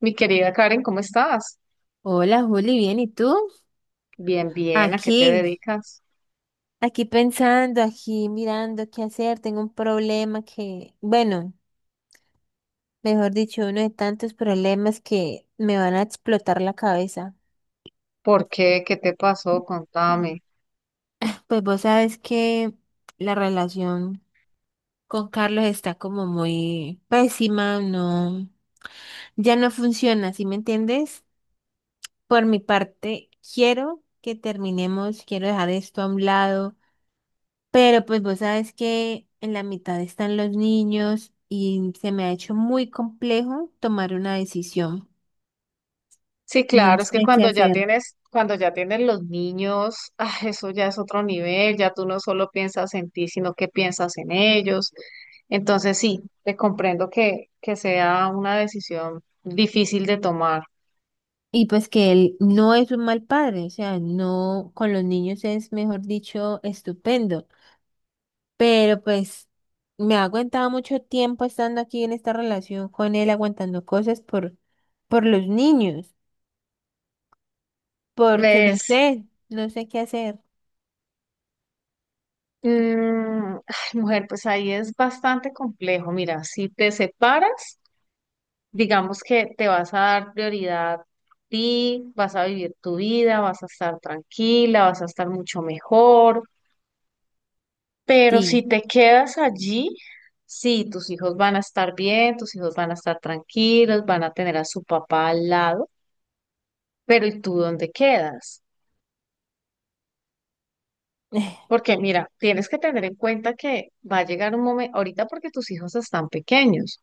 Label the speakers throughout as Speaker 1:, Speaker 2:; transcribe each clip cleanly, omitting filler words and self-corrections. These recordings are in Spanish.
Speaker 1: Mi querida Karen, ¿cómo estás?
Speaker 2: Hola Juli, bien, ¿y tú?
Speaker 1: Bien, bien, ¿a qué te
Speaker 2: Aquí,
Speaker 1: dedicas?
Speaker 2: aquí pensando, aquí mirando qué hacer, tengo un problema que, bueno, mejor dicho, uno de tantos problemas que me van a explotar la cabeza.
Speaker 1: ¿Por qué? ¿Qué te pasó?
Speaker 2: Mm.
Speaker 1: Contame.
Speaker 2: Pues vos sabes que la relación con Carlos está como muy pésima, no, ya no funciona, ¿sí me entiendes? Por mi parte, quiero que terminemos, quiero dejar esto a un lado. Pero pues vos sabes que en la mitad están los niños y se me ha hecho muy complejo tomar una decisión.
Speaker 1: Sí,
Speaker 2: No
Speaker 1: claro, es que
Speaker 2: sé qué hacer.
Speaker 1: cuando ya tienes los niños, ah, eso ya es otro nivel, ya tú no solo piensas en ti, sino que piensas en ellos. Entonces sí, te comprendo que sea una decisión difícil de tomar.
Speaker 2: Y pues que él no es un mal padre, o sea, no, con los niños es, mejor dicho, estupendo. Pero pues me ha aguantado mucho tiempo estando aquí en esta relación con él, aguantando cosas por los niños, porque no
Speaker 1: Ves,
Speaker 2: sé, no sé qué hacer.
Speaker 1: ay, mujer, pues ahí es bastante complejo. Mira, si te separas. Digamos que te vas a dar prioridad a ti, vas a vivir tu vida, vas a estar tranquila, vas a estar mucho mejor, pero si
Speaker 2: Sí,
Speaker 1: te quedas allí, sí, tus hijos van a estar bien, tus hijos van a estar tranquilos, van a tener a su papá al lado, pero ¿y tú dónde quedas? Porque mira, tienes que tener en cuenta que va a llegar un momento, ahorita porque tus hijos están pequeños,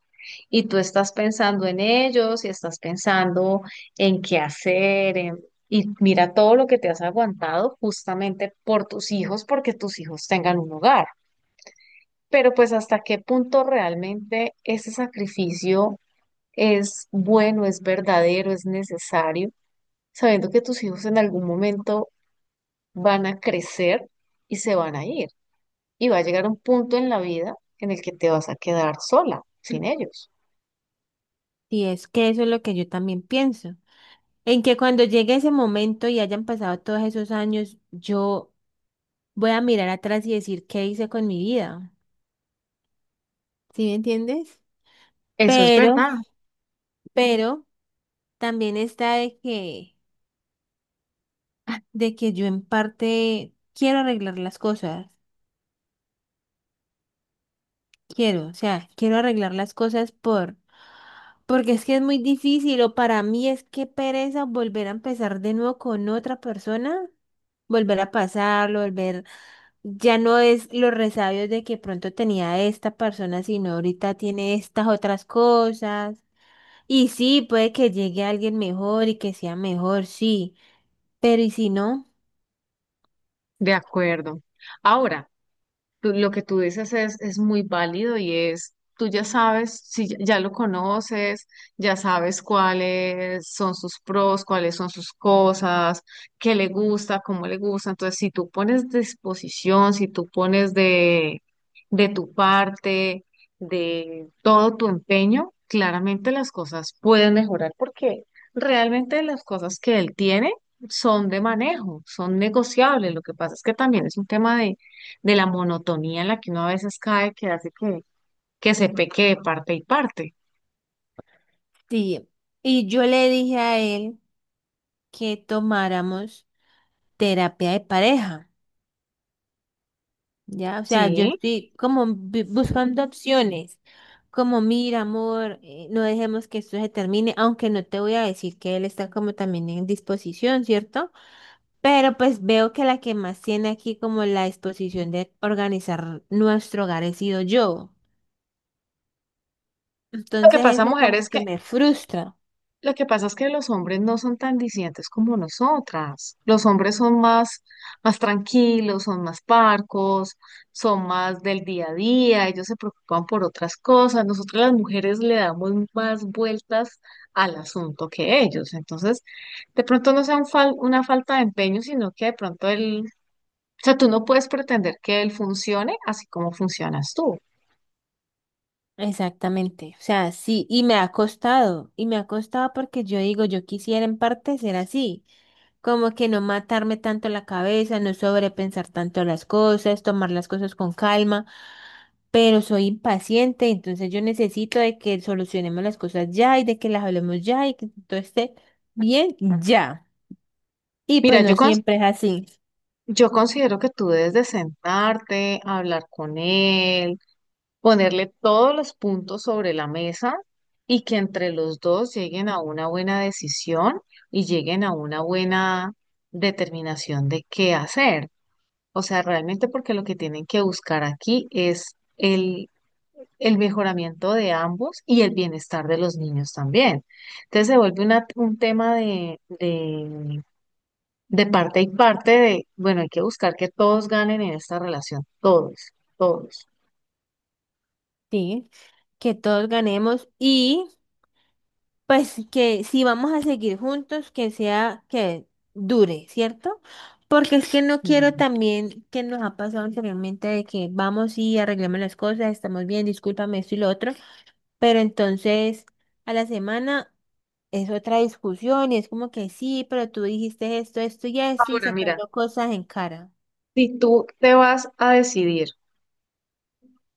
Speaker 1: y tú estás pensando en ellos y estás pensando en qué hacer, y mira todo lo que te has aguantado justamente por tus hijos, porque tus hijos tengan un hogar. Pero pues hasta qué punto realmente ese sacrificio es bueno, es verdadero, es necesario, sabiendo que tus hijos en algún momento van a crecer y se van a ir. Y va a llegar un punto en la vida en el que te vas a quedar sola, sin ellos.
Speaker 2: sí, es que eso es lo que yo también pienso. En que cuando llegue ese momento y hayan pasado todos esos años, yo voy a mirar atrás y decir qué hice con mi vida. ¿Sí me entiendes?
Speaker 1: Eso es
Speaker 2: Pero,
Speaker 1: verdad.
Speaker 2: pero también está de de que yo en parte quiero arreglar las cosas. Quiero, o sea, quiero arreglar las cosas porque es que es muy difícil o para mí es que pereza volver a empezar de nuevo con otra persona, volver a pasarlo, volver. Ya no es los resabios de que pronto tenía esta persona, sino ahorita tiene estas otras cosas. Y sí, puede que llegue alguien mejor y que sea mejor, sí. Pero ¿y si no?
Speaker 1: De acuerdo. Ahora, lo que tú dices es muy válido y es, tú ya sabes, si ya lo conoces, ya sabes cuáles son sus pros, cuáles son sus cosas, qué le gusta, cómo le gusta. Entonces, si tú pones disposición, si tú pones de tu parte, de todo tu empeño, claramente las cosas pueden mejorar porque realmente las cosas que él tiene son de manejo, son negociables. Lo que pasa es que también es un tema de la monotonía en la que uno a veces cae, que hace que se peque de parte y parte.
Speaker 2: Sí. Y yo le dije a él que tomáramos terapia de pareja. Ya, o sea, yo
Speaker 1: Sí,
Speaker 2: estoy como buscando opciones, como mira, amor, no dejemos que esto se termine, aunque no te voy a decir que él está como también en disposición, ¿cierto? Pero pues veo que la que más tiene aquí como la disposición de organizar nuestro hogar he sido yo.
Speaker 1: lo que
Speaker 2: Entonces
Speaker 1: pasa,
Speaker 2: eso
Speaker 1: mujer,
Speaker 2: como
Speaker 1: es que
Speaker 2: que me frustra.
Speaker 1: lo que pasa es que los hombres no son tan disidentes como nosotras. Los hombres son más, más tranquilos, son más parcos, son más del día a día, ellos se preocupan por otras cosas. Nosotras las mujeres le damos más vueltas al asunto que ellos. Entonces, de pronto no sea un una falta de empeño, sino que de pronto el, o sea, tú no puedes pretender que él funcione así como funcionas tú.
Speaker 2: Exactamente. O sea, sí, y me ha costado, y me ha costado porque yo digo, yo quisiera en parte ser así. Como que no matarme tanto la cabeza, no sobrepensar tanto las cosas, tomar las cosas con calma, pero soy impaciente, entonces yo necesito de que solucionemos las cosas ya y de que las hablemos ya y que todo esté bien ya. Y pues
Speaker 1: Mira,
Speaker 2: no siempre es así,
Speaker 1: yo considero que tú debes de sentarte, hablar con él, ponerle todos los puntos sobre la mesa y que entre los dos lleguen a una buena decisión y lleguen a una buena determinación de qué hacer. O sea, realmente porque lo que tienen que buscar aquí es el mejoramiento de ambos y el bienestar de los niños también. Entonces se vuelve un tema de parte y parte de, bueno, hay que buscar que todos ganen en esta relación, todos, todos.
Speaker 2: ¿sí? Que todos ganemos y pues que si vamos a seguir juntos, que sea que dure, ¿cierto? Porque es que no quiero
Speaker 1: Y
Speaker 2: también que nos ha pasado anteriormente de que vamos y arreglamos las cosas, estamos bien, discúlpame esto y lo otro, pero entonces a la semana es otra discusión y es como que sí, pero tú dijiste esto, esto y esto y
Speaker 1: Ahora, mira,
Speaker 2: sacando cosas en cara.
Speaker 1: si tú te vas a decidir,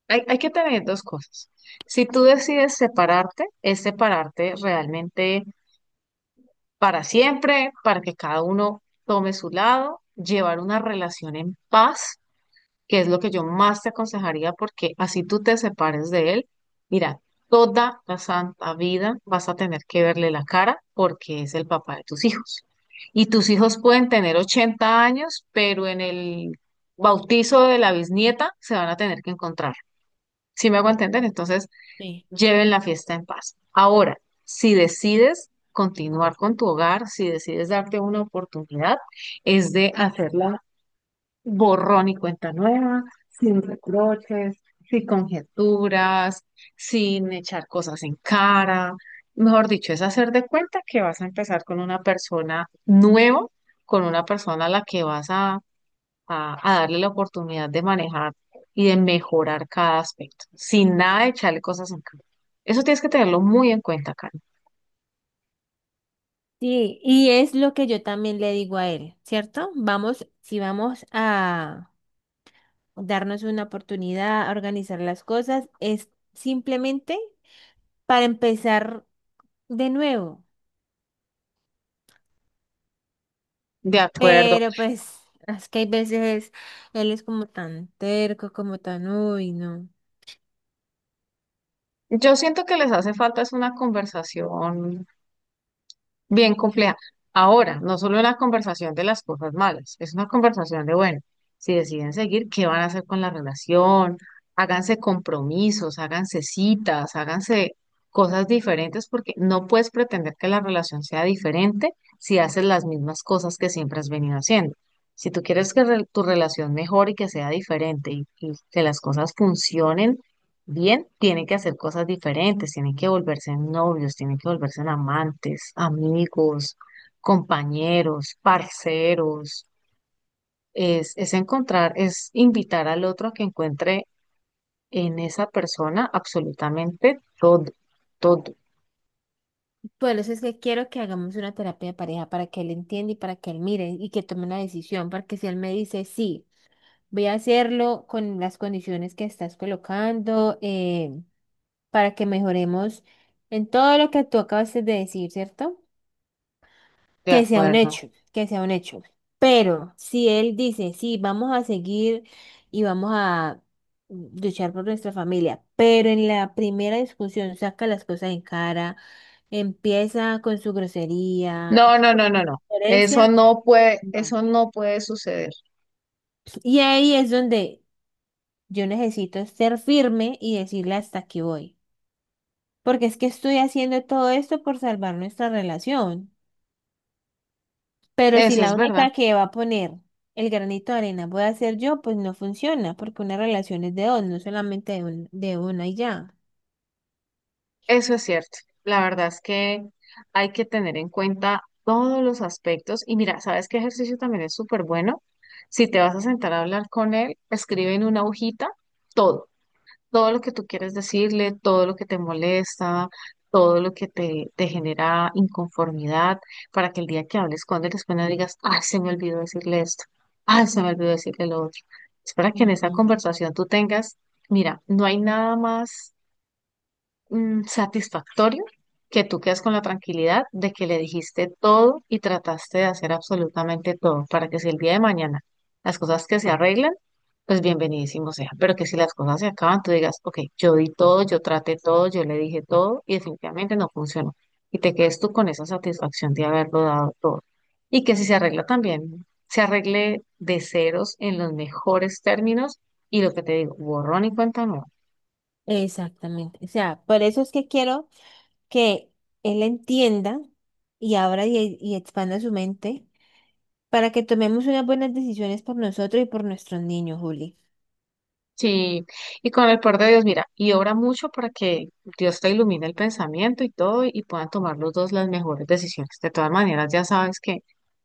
Speaker 1: hay que tener dos cosas. Si tú decides separarte, es separarte realmente para siempre, para que cada uno tome su lado, llevar una relación en paz que es lo que yo más te aconsejaría, porque así tú te separes de él, mira, toda la santa vida vas a tener que verle la cara porque es el papá de tus hijos. Y tus hijos pueden tener 80 años, pero en el bautizo de la bisnieta se van a tener que encontrar. ¿Si me hago entender? Entonces,
Speaker 2: Sí.
Speaker 1: lleven la fiesta en paz. Ahora, si decides continuar con tu hogar, si decides darte una oportunidad, es de hacerla borrón y cuenta nueva, sin reproches, sin conjeturas, sin echar cosas en cara. Mejor dicho, es hacer de cuenta que vas a empezar con una persona nueva, con una persona a la que a darle la oportunidad de manejar y de mejorar cada aspecto, sin nada de echarle cosas en cara. Eso tienes que tenerlo muy en cuenta, Karen.
Speaker 2: Sí, y es lo que yo también le digo a él, ¿cierto? Vamos, si vamos a darnos una oportunidad, organizar las cosas, es simplemente para empezar de nuevo.
Speaker 1: De acuerdo.
Speaker 2: Pero pues es que hay veces él es como tan terco, como tan, uy, no.
Speaker 1: Yo siento que les hace falta es una conversación bien compleja. Ahora, no solo la conversación de las cosas malas, es una conversación de, bueno, si deciden seguir, ¿qué van a hacer con la relación? Háganse compromisos, háganse citas, háganse cosas diferentes, porque no puedes pretender que la relación sea diferente si haces las mismas cosas que siempre has venido haciendo. Si tú quieres que tu relación mejore y que sea diferente y que las cosas funcionen, bien, tienen que hacer cosas diferentes, tienen que volverse novios, tienen que volverse amantes, amigos, compañeros, parceros. Es encontrar, es invitar al otro a que encuentre en esa persona absolutamente todo, todo,
Speaker 2: Por eso es que quiero que hagamos una terapia de pareja para que él entienda y para que él mire y que tome una decisión, porque si él me dice, sí, voy a hacerlo con las condiciones que estás colocando, para que mejoremos en todo lo que tú acabas de decir, ¿cierto?
Speaker 1: de
Speaker 2: Que sea un
Speaker 1: acuerdo.
Speaker 2: hecho, que sea un hecho. Pero si él dice, sí, vamos a seguir y vamos a luchar por nuestra familia, pero en la primera discusión saca las cosas en cara, empieza con su grosería,
Speaker 1: No, no, no, no, no.
Speaker 2: violencia, no.
Speaker 1: Eso no puede suceder.
Speaker 2: Y ahí es donde yo necesito ser firme y decirle hasta aquí voy. Porque es que estoy haciendo todo esto por salvar nuestra relación. Pero si
Speaker 1: Eso es
Speaker 2: la
Speaker 1: verdad.
Speaker 2: única que va a poner el granito de arena voy a ser yo, pues no funciona, porque una relación es de dos, no solamente de, de una y ya.
Speaker 1: Eso es cierto. La verdad es que hay que tener en cuenta todos los aspectos. Y mira, ¿sabes qué ejercicio también es súper bueno? Si te vas a sentar a hablar con él, escribe en una hojita todo, todo lo que tú quieres decirle, todo lo que te molesta, todo lo que te genera inconformidad, para que el día que hables con él después no digas, ay, se me olvidó decirle esto, ay, se me olvidó decirle lo otro. Es para que en esa
Speaker 2: Ujú.
Speaker 1: conversación tú tengas, mira, no hay nada más satisfactorio que tú quedas con la tranquilidad de que le dijiste todo y trataste de hacer absolutamente todo para que si el día de mañana las cosas que se arreglan, pues bienvenidísimo sea. Pero que si las cosas se acaban, tú digas, ok, yo di todo, yo traté todo, yo le dije todo y definitivamente no funcionó. Y te quedes tú con esa satisfacción de haberlo dado todo. Y que si se arregla también, se arregle de ceros en los mejores términos y lo que te digo, borrón y cuenta nueva.
Speaker 2: Exactamente. O sea, por eso es que quiero que él entienda y abra y expanda su mente para que tomemos unas buenas decisiones por nosotros y por nuestros niños, Juli.
Speaker 1: Sí, y con el poder de Dios, mira, y obra mucho para que Dios te ilumine el pensamiento y todo, y puedan tomar los dos las mejores decisiones. De todas maneras, ya sabes que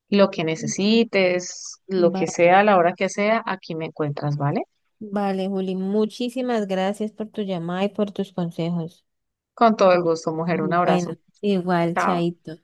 Speaker 1: lo que
Speaker 2: Mm.
Speaker 1: necesites, lo que
Speaker 2: Vale,
Speaker 1: sea, a la hora que sea, aquí me encuentras, ¿vale?
Speaker 2: vale, Juli. Muchísimas gracias por tu llamada y por tus consejos.
Speaker 1: Con todo el gusto, mujer, un
Speaker 2: Ujú. Bueno,
Speaker 1: abrazo.
Speaker 2: igual,
Speaker 1: Chao.
Speaker 2: Chaito.